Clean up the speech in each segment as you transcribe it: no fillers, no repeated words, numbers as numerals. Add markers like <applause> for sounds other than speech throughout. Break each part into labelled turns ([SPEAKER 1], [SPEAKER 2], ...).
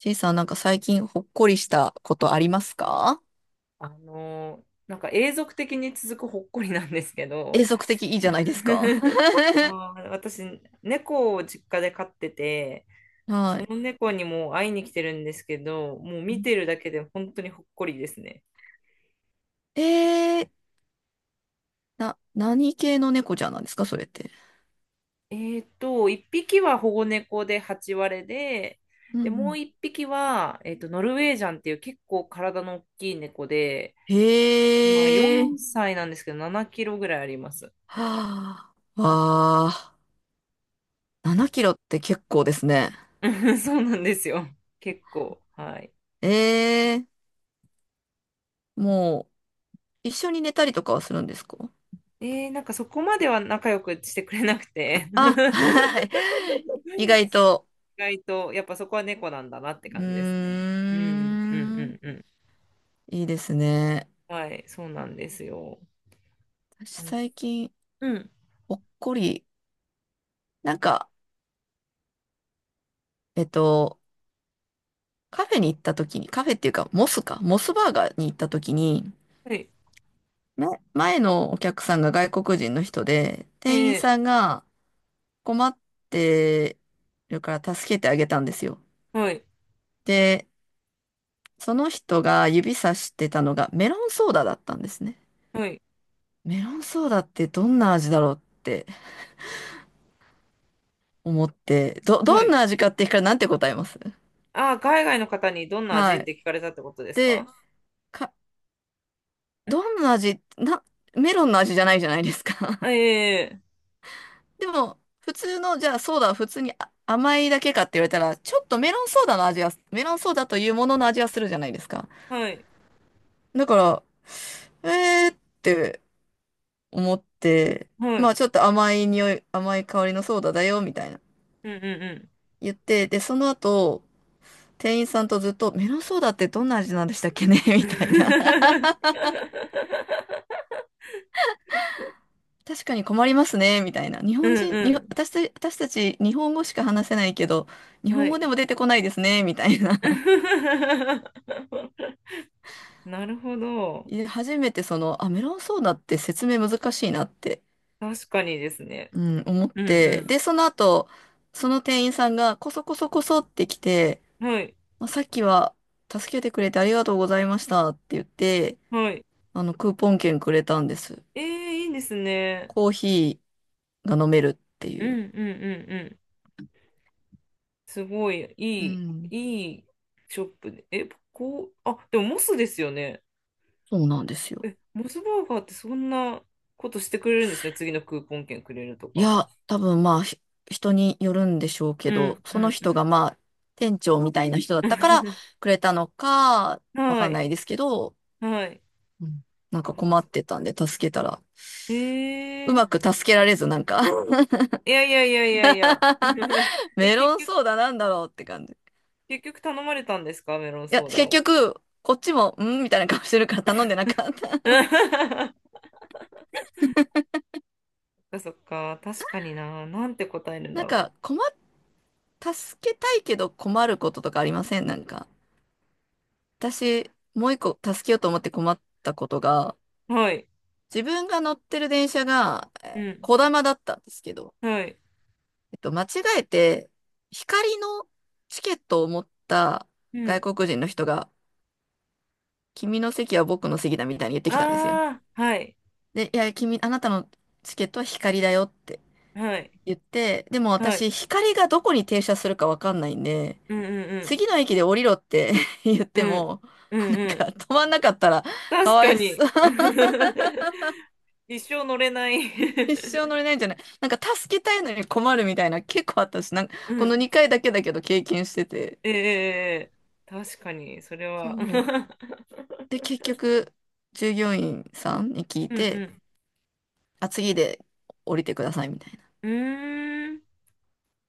[SPEAKER 1] ちいさん、なんか最近ほっこりしたことありますか？
[SPEAKER 2] なんか永続的に続くほっこりなんですけ
[SPEAKER 1] 永
[SPEAKER 2] ど。
[SPEAKER 1] 続的いいじゃないですか。
[SPEAKER 2] <laughs>
[SPEAKER 1] <laughs>
[SPEAKER 2] 私、猫を実家で飼ってて、そ
[SPEAKER 1] はい。
[SPEAKER 2] の猫にもう会いに来てるんですけど、もう見てるだけで本当にほっこりですね。
[SPEAKER 1] えー、何系の猫ちゃんなんですかそれって？
[SPEAKER 2] 1匹は保護猫で8割れで、
[SPEAKER 1] うんう
[SPEAKER 2] で、もう
[SPEAKER 1] ん。
[SPEAKER 2] 1匹は、ノルウェージャンっていう結構体の大きい猫で、今
[SPEAKER 1] へー。
[SPEAKER 2] 4歳なんですけど、7キロぐらいあります。
[SPEAKER 1] はあ。わあ。7キロって結構ですね。
[SPEAKER 2] <laughs> そうなんですよ。結構。はい。
[SPEAKER 1] えー、もう、一緒に寝たりとかはするんですか？
[SPEAKER 2] なんかそこまでは仲良くしてくれなくて。
[SPEAKER 1] あ、は
[SPEAKER 2] <laughs>
[SPEAKER 1] い。<laughs> 意外
[SPEAKER 2] そう。
[SPEAKER 1] と。
[SPEAKER 2] 意外と、やっぱそこは猫なんだなって
[SPEAKER 1] う
[SPEAKER 2] 感じですね。
[SPEAKER 1] ー
[SPEAKER 2] うん、うん、
[SPEAKER 1] ん。
[SPEAKER 2] うん、うん。
[SPEAKER 1] いいですね。
[SPEAKER 2] はい、そうなんですよ。
[SPEAKER 1] 私
[SPEAKER 2] うん。
[SPEAKER 1] 最近、
[SPEAKER 2] うん。
[SPEAKER 1] ほっこり。なんか、えっと、カフェに行った時に、カフェっていうか、モスか、モスバーガーに行った時に、
[SPEAKER 2] はい。
[SPEAKER 1] ね、前のお客さんが外国人の人で、店員
[SPEAKER 2] え
[SPEAKER 1] さんが困ってるから助けてあげたんですよ。
[SPEAKER 2] はい、
[SPEAKER 1] で、その人が指さしてたのがメロンソーダだったんですね。
[SPEAKER 2] はい、
[SPEAKER 1] メロンソーダってどんな味だろうって思って、
[SPEAKER 2] は
[SPEAKER 1] どん
[SPEAKER 2] い。
[SPEAKER 1] な味かって聞かれなんて答えます？
[SPEAKER 2] あー、海外の方にどんな味
[SPEAKER 1] は
[SPEAKER 2] っ
[SPEAKER 1] い。
[SPEAKER 2] て聞かれたってことですかん。
[SPEAKER 1] で、か、どんな味、メロンの味じゃないじゃないですか。
[SPEAKER 2] あ、
[SPEAKER 1] でも、普通の、じゃあソーダは普通にあ甘いだけかって言われたら、ちょっとメロンソーダの味は、メロンソーダというものの味はするじゃないですか。
[SPEAKER 2] はい、
[SPEAKER 1] だから、えーって思って、
[SPEAKER 2] は
[SPEAKER 1] ま
[SPEAKER 2] い。
[SPEAKER 1] あちょっと甘い匂い、甘い香りのソーダだよ、みたいな
[SPEAKER 2] うん、うん、うん。
[SPEAKER 1] 言って、で、その後、店員さんとずっと、メロンソーダってどんな味なんでしたっけね <laughs> みたいな。
[SPEAKER 2] <laughs>
[SPEAKER 1] 確かに困りますね、みたいな。日
[SPEAKER 2] う
[SPEAKER 1] 本人、
[SPEAKER 2] ん、
[SPEAKER 1] 私たち日本語しか話せないけど、日
[SPEAKER 2] うん。は
[SPEAKER 1] 本語で
[SPEAKER 2] い。
[SPEAKER 1] も出てこないですね、みたいな。
[SPEAKER 2] <laughs> なるほど。
[SPEAKER 1] で初めてその、あ、メロンソーダって説明難しいなって、
[SPEAKER 2] 確かにですね。
[SPEAKER 1] うん、思っ
[SPEAKER 2] う
[SPEAKER 1] て、
[SPEAKER 2] ん
[SPEAKER 1] で、その後、その店員さんがこそこそこそって来て、
[SPEAKER 2] うん。はい。
[SPEAKER 1] まあ、さっきは助けてくれてありがとうございましたって言って、
[SPEAKER 2] はい。
[SPEAKER 1] あの、クーポン券くれたんです。
[SPEAKER 2] ええ、いいですね。
[SPEAKER 1] コーヒーが飲めるって
[SPEAKER 2] う
[SPEAKER 1] い
[SPEAKER 2] ん
[SPEAKER 1] う。
[SPEAKER 2] うんうんうん。すごい、
[SPEAKER 1] う
[SPEAKER 2] いい、
[SPEAKER 1] ん。
[SPEAKER 2] いいショップで。え、こう、あ、でもモスですよね。
[SPEAKER 1] そうなんですよ。
[SPEAKER 2] え、モスバーガーってそんなことしてくれるんですね。次のクーポン券くれると
[SPEAKER 1] い
[SPEAKER 2] か。
[SPEAKER 1] や、多分まあ、人によるんでしょうけ
[SPEAKER 2] う
[SPEAKER 1] ど、
[SPEAKER 2] んう
[SPEAKER 1] その
[SPEAKER 2] んう
[SPEAKER 1] 人
[SPEAKER 2] ん。
[SPEAKER 1] がまあ、店長みたいな人だったから
[SPEAKER 2] <laughs>
[SPEAKER 1] くれたのか、わ
[SPEAKER 2] は
[SPEAKER 1] かんな
[SPEAKER 2] い。
[SPEAKER 1] いですけど、
[SPEAKER 2] はい。
[SPEAKER 1] うん、なんか
[SPEAKER 2] そっか
[SPEAKER 1] 困
[SPEAKER 2] そ
[SPEAKER 1] っ
[SPEAKER 2] っ
[SPEAKER 1] て
[SPEAKER 2] か。
[SPEAKER 1] たんで助けたら、
[SPEAKER 2] え
[SPEAKER 1] う
[SPEAKER 2] え。
[SPEAKER 1] まく助けられず、なんか
[SPEAKER 2] いやいやいやいやいや。<laughs>
[SPEAKER 1] <laughs>
[SPEAKER 2] え、
[SPEAKER 1] メロンソーダなんだろうって感じ。い
[SPEAKER 2] 結局頼まれたんですかメロン
[SPEAKER 1] や、
[SPEAKER 2] ソーダ
[SPEAKER 1] 結
[SPEAKER 2] を。
[SPEAKER 1] 局、こっちも、んみたいな顔してるから頼んでなかった。
[SPEAKER 2] <laughs> かそっか、確かにな。なんて答える
[SPEAKER 1] <laughs>
[SPEAKER 2] ん
[SPEAKER 1] な
[SPEAKER 2] だ
[SPEAKER 1] んか、
[SPEAKER 2] ろ
[SPEAKER 1] 助けたいけど困ることとかありません？なんか。私、もう一個助けようと思って困ったことが、
[SPEAKER 2] う。はい。
[SPEAKER 1] 自分が乗ってる電車が、
[SPEAKER 2] うん。
[SPEAKER 1] こだまだったんですけど、
[SPEAKER 2] はい。
[SPEAKER 1] 間違えて、光のチケットを持った
[SPEAKER 2] う
[SPEAKER 1] 外
[SPEAKER 2] ん。
[SPEAKER 1] 国人の人が、君の席は僕の席だみたいに言ってきたんですよ。
[SPEAKER 2] ああ、はい。
[SPEAKER 1] で、いや、あなたのチケットは光だよって
[SPEAKER 2] はい。
[SPEAKER 1] 言って、でも
[SPEAKER 2] はい。
[SPEAKER 1] 私、光がどこに停車するかわかんないんで、
[SPEAKER 2] うんうん
[SPEAKER 1] 次の駅で降りろって <laughs> 言っ
[SPEAKER 2] う
[SPEAKER 1] て
[SPEAKER 2] ん。
[SPEAKER 1] も、
[SPEAKER 2] うん。う
[SPEAKER 1] なん
[SPEAKER 2] んう
[SPEAKER 1] か
[SPEAKER 2] ん。
[SPEAKER 1] 止まんなかったらか
[SPEAKER 2] 確
[SPEAKER 1] わ
[SPEAKER 2] か
[SPEAKER 1] い
[SPEAKER 2] に。
[SPEAKER 1] そう。<laughs>
[SPEAKER 2] <laughs> 一生乗れない。 <laughs>
[SPEAKER 1] 一生乗れないんじゃない？なんか助けたいのに困るみたいな結構あったし、なんか
[SPEAKER 2] う
[SPEAKER 1] この
[SPEAKER 2] ん。
[SPEAKER 1] 2回だけだけど経験してて。
[SPEAKER 2] ええええ確かに、それは。
[SPEAKER 1] そう。で、結局、従業員さんに聞
[SPEAKER 2] <laughs>
[SPEAKER 1] い
[SPEAKER 2] うんう
[SPEAKER 1] て、
[SPEAKER 2] ん。
[SPEAKER 1] あ、次で降りてくださいみたいな。
[SPEAKER 2] うーん。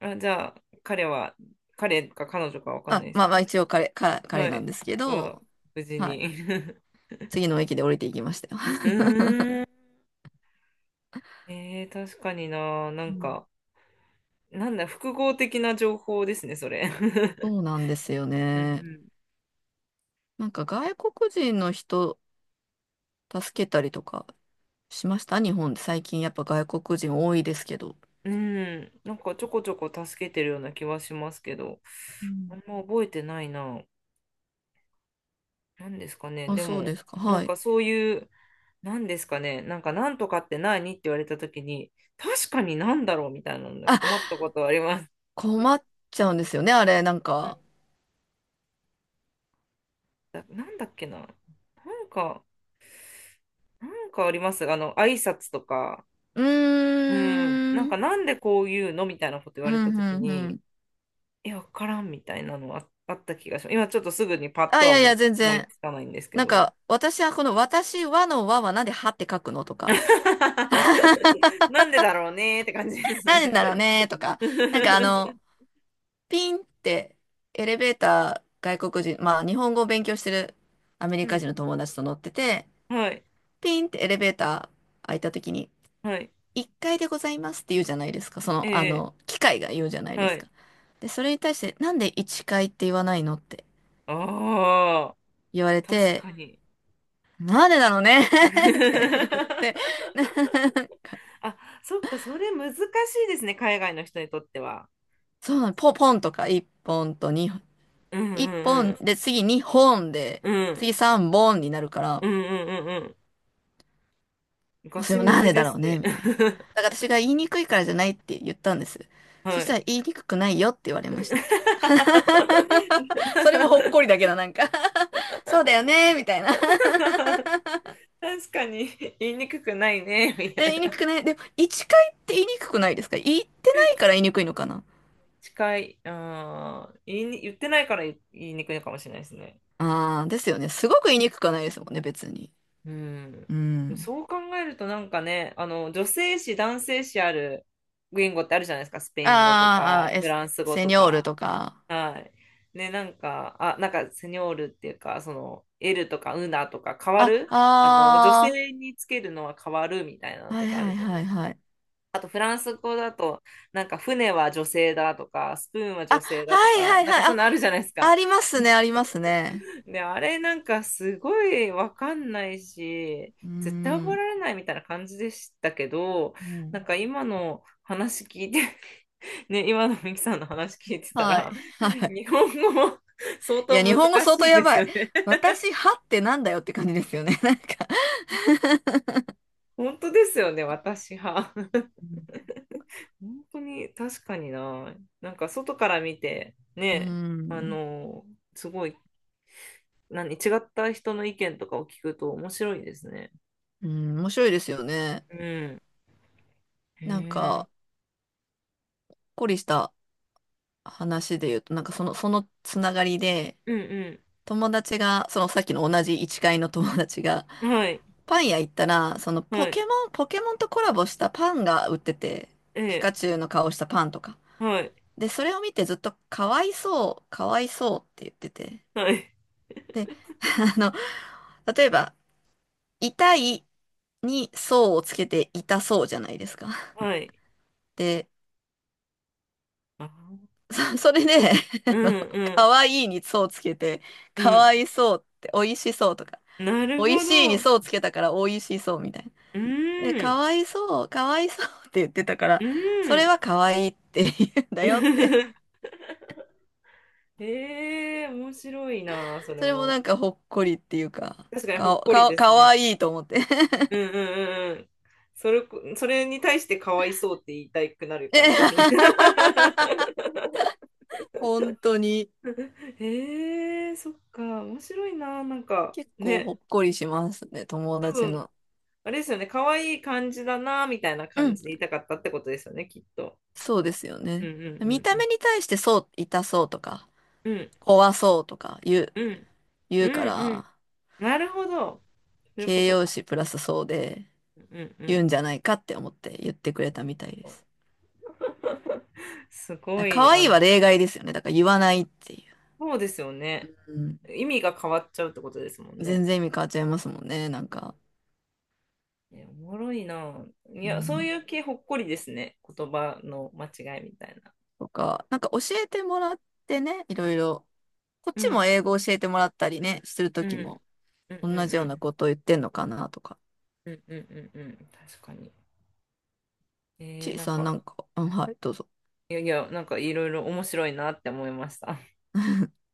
[SPEAKER 2] あ、じゃあ、彼か彼女かわかんな
[SPEAKER 1] あ、
[SPEAKER 2] いです
[SPEAKER 1] まあ
[SPEAKER 2] け
[SPEAKER 1] まあ一
[SPEAKER 2] ど、
[SPEAKER 1] 応彼、か彼
[SPEAKER 2] は
[SPEAKER 1] なん
[SPEAKER 2] い。
[SPEAKER 1] ですけ
[SPEAKER 2] は、
[SPEAKER 1] ど、
[SPEAKER 2] 無事
[SPEAKER 1] はい。
[SPEAKER 2] に。 <laughs> う
[SPEAKER 1] 次の駅で降りていきましたよ。
[SPEAKER 2] ーん。ええ確かにな、な
[SPEAKER 1] う
[SPEAKER 2] ん
[SPEAKER 1] ん。
[SPEAKER 2] か、なんだ、複合的な情報ですね、それ。
[SPEAKER 1] そう
[SPEAKER 2] <laughs>
[SPEAKER 1] なんですよ
[SPEAKER 2] うんう
[SPEAKER 1] ね。
[SPEAKER 2] ん。
[SPEAKER 1] なんか外国人の人助けたりとかしました？日本で最近やっぱ外国人多いですけど。
[SPEAKER 2] <laughs> うん、なんかちょこちょこ助けてるような気はしますけど、
[SPEAKER 1] う
[SPEAKER 2] あ
[SPEAKER 1] ん。
[SPEAKER 2] んま覚えてないな。なんですかね。
[SPEAKER 1] あ、
[SPEAKER 2] で
[SPEAKER 1] そう
[SPEAKER 2] も、
[SPEAKER 1] ですか。
[SPEAKER 2] なん
[SPEAKER 1] はい。
[SPEAKER 2] かそういう、なんですかね。なんか、なんとかって何って言われたときに、確かになんだろうみたいなので
[SPEAKER 1] あ、
[SPEAKER 2] 困ったことはあります。
[SPEAKER 1] 困っちゃうんですよね、あれ。なん
[SPEAKER 2] うん。
[SPEAKER 1] か。
[SPEAKER 2] だ、なんだっけな。なんか、なんかあります。あの、挨拶とか。
[SPEAKER 1] う
[SPEAKER 2] うん、なん
[SPEAKER 1] ー
[SPEAKER 2] か
[SPEAKER 1] ん。
[SPEAKER 2] なんでこういうのみたいなこと言
[SPEAKER 1] う
[SPEAKER 2] われた
[SPEAKER 1] ん、
[SPEAKER 2] とき
[SPEAKER 1] うん、う
[SPEAKER 2] に、
[SPEAKER 1] ん。
[SPEAKER 2] え、わからんみたいなの、あ、あった気がします。今ちょっとすぐにパッと
[SPEAKER 1] あ、い
[SPEAKER 2] は
[SPEAKER 1] やいや、全
[SPEAKER 2] 思い
[SPEAKER 1] 然。
[SPEAKER 2] つかないんですけ
[SPEAKER 1] なん
[SPEAKER 2] ど。
[SPEAKER 1] か、私はこの、私はの和はなんではって書くのとか、
[SPEAKER 2] <laughs> なんでだろうねーって感じです
[SPEAKER 1] なんで
[SPEAKER 2] ね。
[SPEAKER 1] だろうねとか、なんかあの、
[SPEAKER 2] <laughs>
[SPEAKER 1] ピンってエレベーター外国人、まあ日本語を勉強してるアメ
[SPEAKER 2] う
[SPEAKER 1] リカ
[SPEAKER 2] ん。
[SPEAKER 1] 人の友達と乗ってて、
[SPEAKER 2] はい。
[SPEAKER 1] ピンってエレベーター開いた時に、
[SPEAKER 2] はい。
[SPEAKER 1] 1階でございますって言うじゃないですか。その、あ
[SPEAKER 2] ええ、
[SPEAKER 1] の、機械が言うじゃないで
[SPEAKER 2] は
[SPEAKER 1] す
[SPEAKER 2] い。
[SPEAKER 1] か。で、それに対して、なんで1階って言わないのって
[SPEAKER 2] ああ、
[SPEAKER 1] 言われ
[SPEAKER 2] 確
[SPEAKER 1] て、
[SPEAKER 2] かに。
[SPEAKER 1] なんでだろうね <laughs> って言って、
[SPEAKER 2] <laughs>
[SPEAKER 1] <laughs>
[SPEAKER 2] あ、そっか、それ難しいですね、海外の人にとっては。
[SPEAKER 1] そうなの、ポポンとか1本と2本、
[SPEAKER 2] うん
[SPEAKER 1] 1
[SPEAKER 2] う
[SPEAKER 1] 本
[SPEAKER 2] ん
[SPEAKER 1] で次2本で、
[SPEAKER 2] うん。う
[SPEAKER 1] 次
[SPEAKER 2] ん。
[SPEAKER 1] 3本になるから、
[SPEAKER 2] うんうんうんうん。ガ
[SPEAKER 1] それ
[SPEAKER 2] チ
[SPEAKER 1] も
[SPEAKER 2] ム
[SPEAKER 1] なん
[SPEAKER 2] ズ
[SPEAKER 1] で
[SPEAKER 2] で
[SPEAKER 1] だろ
[SPEAKER 2] す
[SPEAKER 1] うね、
[SPEAKER 2] ね。
[SPEAKER 1] みたいな。だ
[SPEAKER 2] <laughs>
[SPEAKER 1] から私が言いにくいからじゃないって言ったんです。そ
[SPEAKER 2] は
[SPEAKER 1] した
[SPEAKER 2] い。
[SPEAKER 1] ら言いにくくないよって言われました。<laughs> それもほっこりだ
[SPEAKER 2] <laughs>
[SPEAKER 1] けど、なんか <laughs> そうだよね、みたいな。
[SPEAKER 2] 確かに言いにくくないね、<laughs> み
[SPEAKER 1] <laughs>
[SPEAKER 2] た
[SPEAKER 1] え、
[SPEAKER 2] い
[SPEAKER 1] 言いに
[SPEAKER 2] な。
[SPEAKER 1] くくない。でも、一回って言いにくくないですか？言ってないから言いにくいのかな。
[SPEAKER 2] 近い。あー言ってないから言いにくいかもしれないですね。
[SPEAKER 1] ああ、ですよね。すごく言いにくくはないですもんね、別に。
[SPEAKER 2] うん。
[SPEAKER 1] うん。
[SPEAKER 2] そう考えるとなんかね、あの、女性誌、男性誌ある言語ってあるじゃないですか。スペイン語と
[SPEAKER 1] あー
[SPEAKER 2] か、
[SPEAKER 1] あー、え、
[SPEAKER 2] フランス語
[SPEAKER 1] セ
[SPEAKER 2] と
[SPEAKER 1] ニョール
[SPEAKER 2] か。
[SPEAKER 1] とか。
[SPEAKER 2] はい。ね、なんか、あ、なんか、セニョールっていうか、その、L とかウナとか変わる
[SPEAKER 1] あ、
[SPEAKER 2] あの女
[SPEAKER 1] あ
[SPEAKER 2] 性につけるのは変わるみたいな
[SPEAKER 1] あ、
[SPEAKER 2] の
[SPEAKER 1] は
[SPEAKER 2] と
[SPEAKER 1] い
[SPEAKER 2] かあ
[SPEAKER 1] は
[SPEAKER 2] る
[SPEAKER 1] い
[SPEAKER 2] じゃない
[SPEAKER 1] は
[SPEAKER 2] で
[SPEAKER 1] い
[SPEAKER 2] すか。
[SPEAKER 1] はい。
[SPEAKER 2] あと、フランス語だと、なんか、船は女性だとか、スプーンは
[SPEAKER 1] あ、
[SPEAKER 2] 女性だと
[SPEAKER 1] はい
[SPEAKER 2] か、
[SPEAKER 1] はい
[SPEAKER 2] なんか、
[SPEAKER 1] は
[SPEAKER 2] そう
[SPEAKER 1] い。あ、
[SPEAKER 2] いうのあるじゃないですか。
[SPEAKER 1] ありますね、ありますね。
[SPEAKER 2] で、あれなんかすごいわかんないし、
[SPEAKER 1] うー
[SPEAKER 2] 絶対覚え
[SPEAKER 1] ん。
[SPEAKER 2] られないみたいな感じでしたけど、
[SPEAKER 1] う
[SPEAKER 2] な
[SPEAKER 1] ん。
[SPEAKER 2] んか今の話聞いて、<laughs> ね、今のミキさんの話聞いてた
[SPEAKER 1] は
[SPEAKER 2] ら、
[SPEAKER 1] い。
[SPEAKER 2] <laughs> 日本語も相
[SPEAKER 1] い
[SPEAKER 2] 当
[SPEAKER 1] や、日本語
[SPEAKER 2] 難
[SPEAKER 1] 相
[SPEAKER 2] し
[SPEAKER 1] 当
[SPEAKER 2] い
[SPEAKER 1] や
[SPEAKER 2] です
[SPEAKER 1] ば
[SPEAKER 2] よ
[SPEAKER 1] い。
[SPEAKER 2] ね。<laughs>
[SPEAKER 1] 私、はってなんだよって感じですよね。<laughs> なんか。
[SPEAKER 2] 本当ですよね、私は。
[SPEAKER 1] うん。
[SPEAKER 2] <laughs> 本当に確かにな。なんか外から見て、
[SPEAKER 1] う
[SPEAKER 2] ね、あ
[SPEAKER 1] ん。
[SPEAKER 2] の、すごい、何、違った人の意見とかを聞くと面白いですね。
[SPEAKER 1] ん、面白いですよね。
[SPEAKER 2] うん。へ
[SPEAKER 1] なん
[SPEAKER 2] え。
[SPEAKER 1] か、こりした話で言うと、なんかその、そのつながりで、
[SPEAKER 2] うん
[SPEAKER 1] 友達が、そのさっきの同じ一階の友達が、
[SPEAKER 2] うん。はい。
[SPEAKER 1] パン屋行ったら、そのポ
[SPEAKER 2] はい。
[SPEAKER 1] ケモン、ポケモンとコラボしたパンが売ってて、
[SPEAKER 2] え
[SPEAKER 1] ピカ
[SPEAKER 2] え。
[SPEAKER 1] チュウの顔したパンとか。
[SPEAKER 2] はい。
[SPEAKER 1] で、それを見てずっとかわいそう、かわいそうって言ってて。
[SPEAKER 2] はい。
[SPEAKER 1] で、<laughs> あの、例えば、痛いにそうをつけて痛そうじゃないですか。
[SPEAKER 2] はい。
[SPEAKER 1] で、
[SPEAKER 2] あー、
[SPEAKER 1] <laughs> それで、
[SPEAKER 2] う
[SPEAKER 1] <laughs> あの、
[SPEAKER 2] んう
[SPEAKER 1] か
[SPEAKER 2] ん
[SPEAKER 1] わいいにそうつけて、かわいそうって美味しそうとか、
[SPEAKER 2] うん。なる
[SPEAKER 1] 美味
[SPEAKER 2] ほ
[SPEAKER 1] しいに
[SPEAKER 2] ど。う
[SPEAKER 1] そうつけたから美味しそうみたいな。で、
[SPEAKER 2] ー
[SPEAKER 1] か
[SPEAKER 2] ん。
[SPEAKER 1] わいそう、かわいそうって言ってたから、
[SPEAKER 2] う
[SPEAKER 1] それ
[SPEAKER 2] ん。
[SPEAKER 1] はかわいいって言うんだよって。
[SPEAKER 2] <laughs> ええ、面白いな、それ
[SPEAKER 1] それも
[SPEAKER 2] も。
[SPEAKER 1] なんかほっこりっていうか、
[SPEAKER 2] 確かにほっこりです
[SPEAKER 1] かわ
[SPEAKER 2] ね。
[SPEAKER 1] いいと思って。
[SPEAKER 2] うんうんうんうん。それこ、それに対してかわいそうって言いたくなる感じですね。
[SPEAKER 1] <laughs> 本当に
[SPEAKER 2] <laughs> へえ、そっか、面白いな、なんか、
[SPEAKER 1] 結構ほ
[SPEAKER 2] ね、
[SPEAKER 1] っこりしますね、友
[SPEAKER 2] 多
[SPEAKER 1] 達
[SPEAKER 2] 分
[SPEAKER 1] の。
[SPEAKER 2] あれですよね、可愛い感じだな、みたいな
[SPEAKER 1] う
[SPEAKER 2] 感
[SPEAKER 1] ん、
[SPEAKER 2] じで言いたかったってことですよね、きっと。
[SPEAKER 1] そうですよ
[SPEAKER 2] うん
[SPEAKER 1] ね。
[SPEAKER 2] うんう
[SPEAKER 1] 見
[SPEAKER 2] ん
[SPEAKER 1] た
[SPEAKER 2] う
[SPEAKER 1] 目
[SPEAKER 2] ん。
[SPEAKER 1] に対してそう、痛そうとか、
[SPEAKER 2] うん
[SPEAKER 1] 怖そうとか
[SPEAKER 2] うんう
[SPEAKER 1] 言うか
[SPEAKER 2] んうん。
[SPEAKER 1] ら、
[SPEAKER 2] なるほど。そういうこ
[SPEAKER 1] 形
[SPEAKER 2] と
[SPEAKER 1] 容
[SPEAKER 2] か。
[SPEAKER 1] 詞プラスそうで
[SPEAKER 2] うんう
[SPEAKER 1] 言う
[SPEAKER 2] ん。
[SPEAKER 1] んじゃないかって思って言ってくれたみたいです。
[SPEAKER 2] すご
[SPEAKER 1] だから
[SPEAKER 2] い、
[SPEAKER 1] 可
[SPEAKER 2] あ
[SPEAKER 1] 愛い
[SPEAKER 2] の、
[SPEAKER 1] は例外ですよね。だから言わないってい
[SPEAKER 2] そうですよね。
[SPEAKER 1] う。うん、
[SPEAKER 2] 意味が変わっちゃうってことですもん
[SPEAKER 1] 全
[SPEAKER 2] ね。
[SPEAKER 1] 然意味変わっちゃいますもんね、なんか。
[SPEAKER 2] え、おもろいな。い
[SPEAKER 1] う
[SPEAKER 2] や、そう
[SPEAKER 1] ん
[SPEAKER 2] いう系ほっこりですね。言葉の間違いみたいな。
[SPEAKER 1] とか、なんか教えてもらってね、いろいろ。こっ
[SPEAKER 2] う
[SPEAKER 1] ちも
[SPEAKER 2] ん、
[SPEAKER 1] 英語教えてもらったりね、すると
[SPEAKER 2] うん、う
[SPEAKER 1] き
[SPEAKER 2] ん、
[SPEAKER 1] も。
[SPEAKER 2] う
[SPEAKER 1] 同じような
[SPEAKER 2] ん、
[SPEAKER 1] ことを言ってんのかなとか。
[SPEAKER 2] うん、うん、うん、うん、うん、確かに。
[SPEAKER 1] ちい
[SPEAKER 2] なん
[SPEAKER 1] さんな
[SPEAKER 2] か、
[SPEAKER 1] んか、うん、はい、どうぞ。
[SPEAKER 2] いやいや、なんかいろいろ面白いなって思いました。
[SPEAKER 1] <laughs>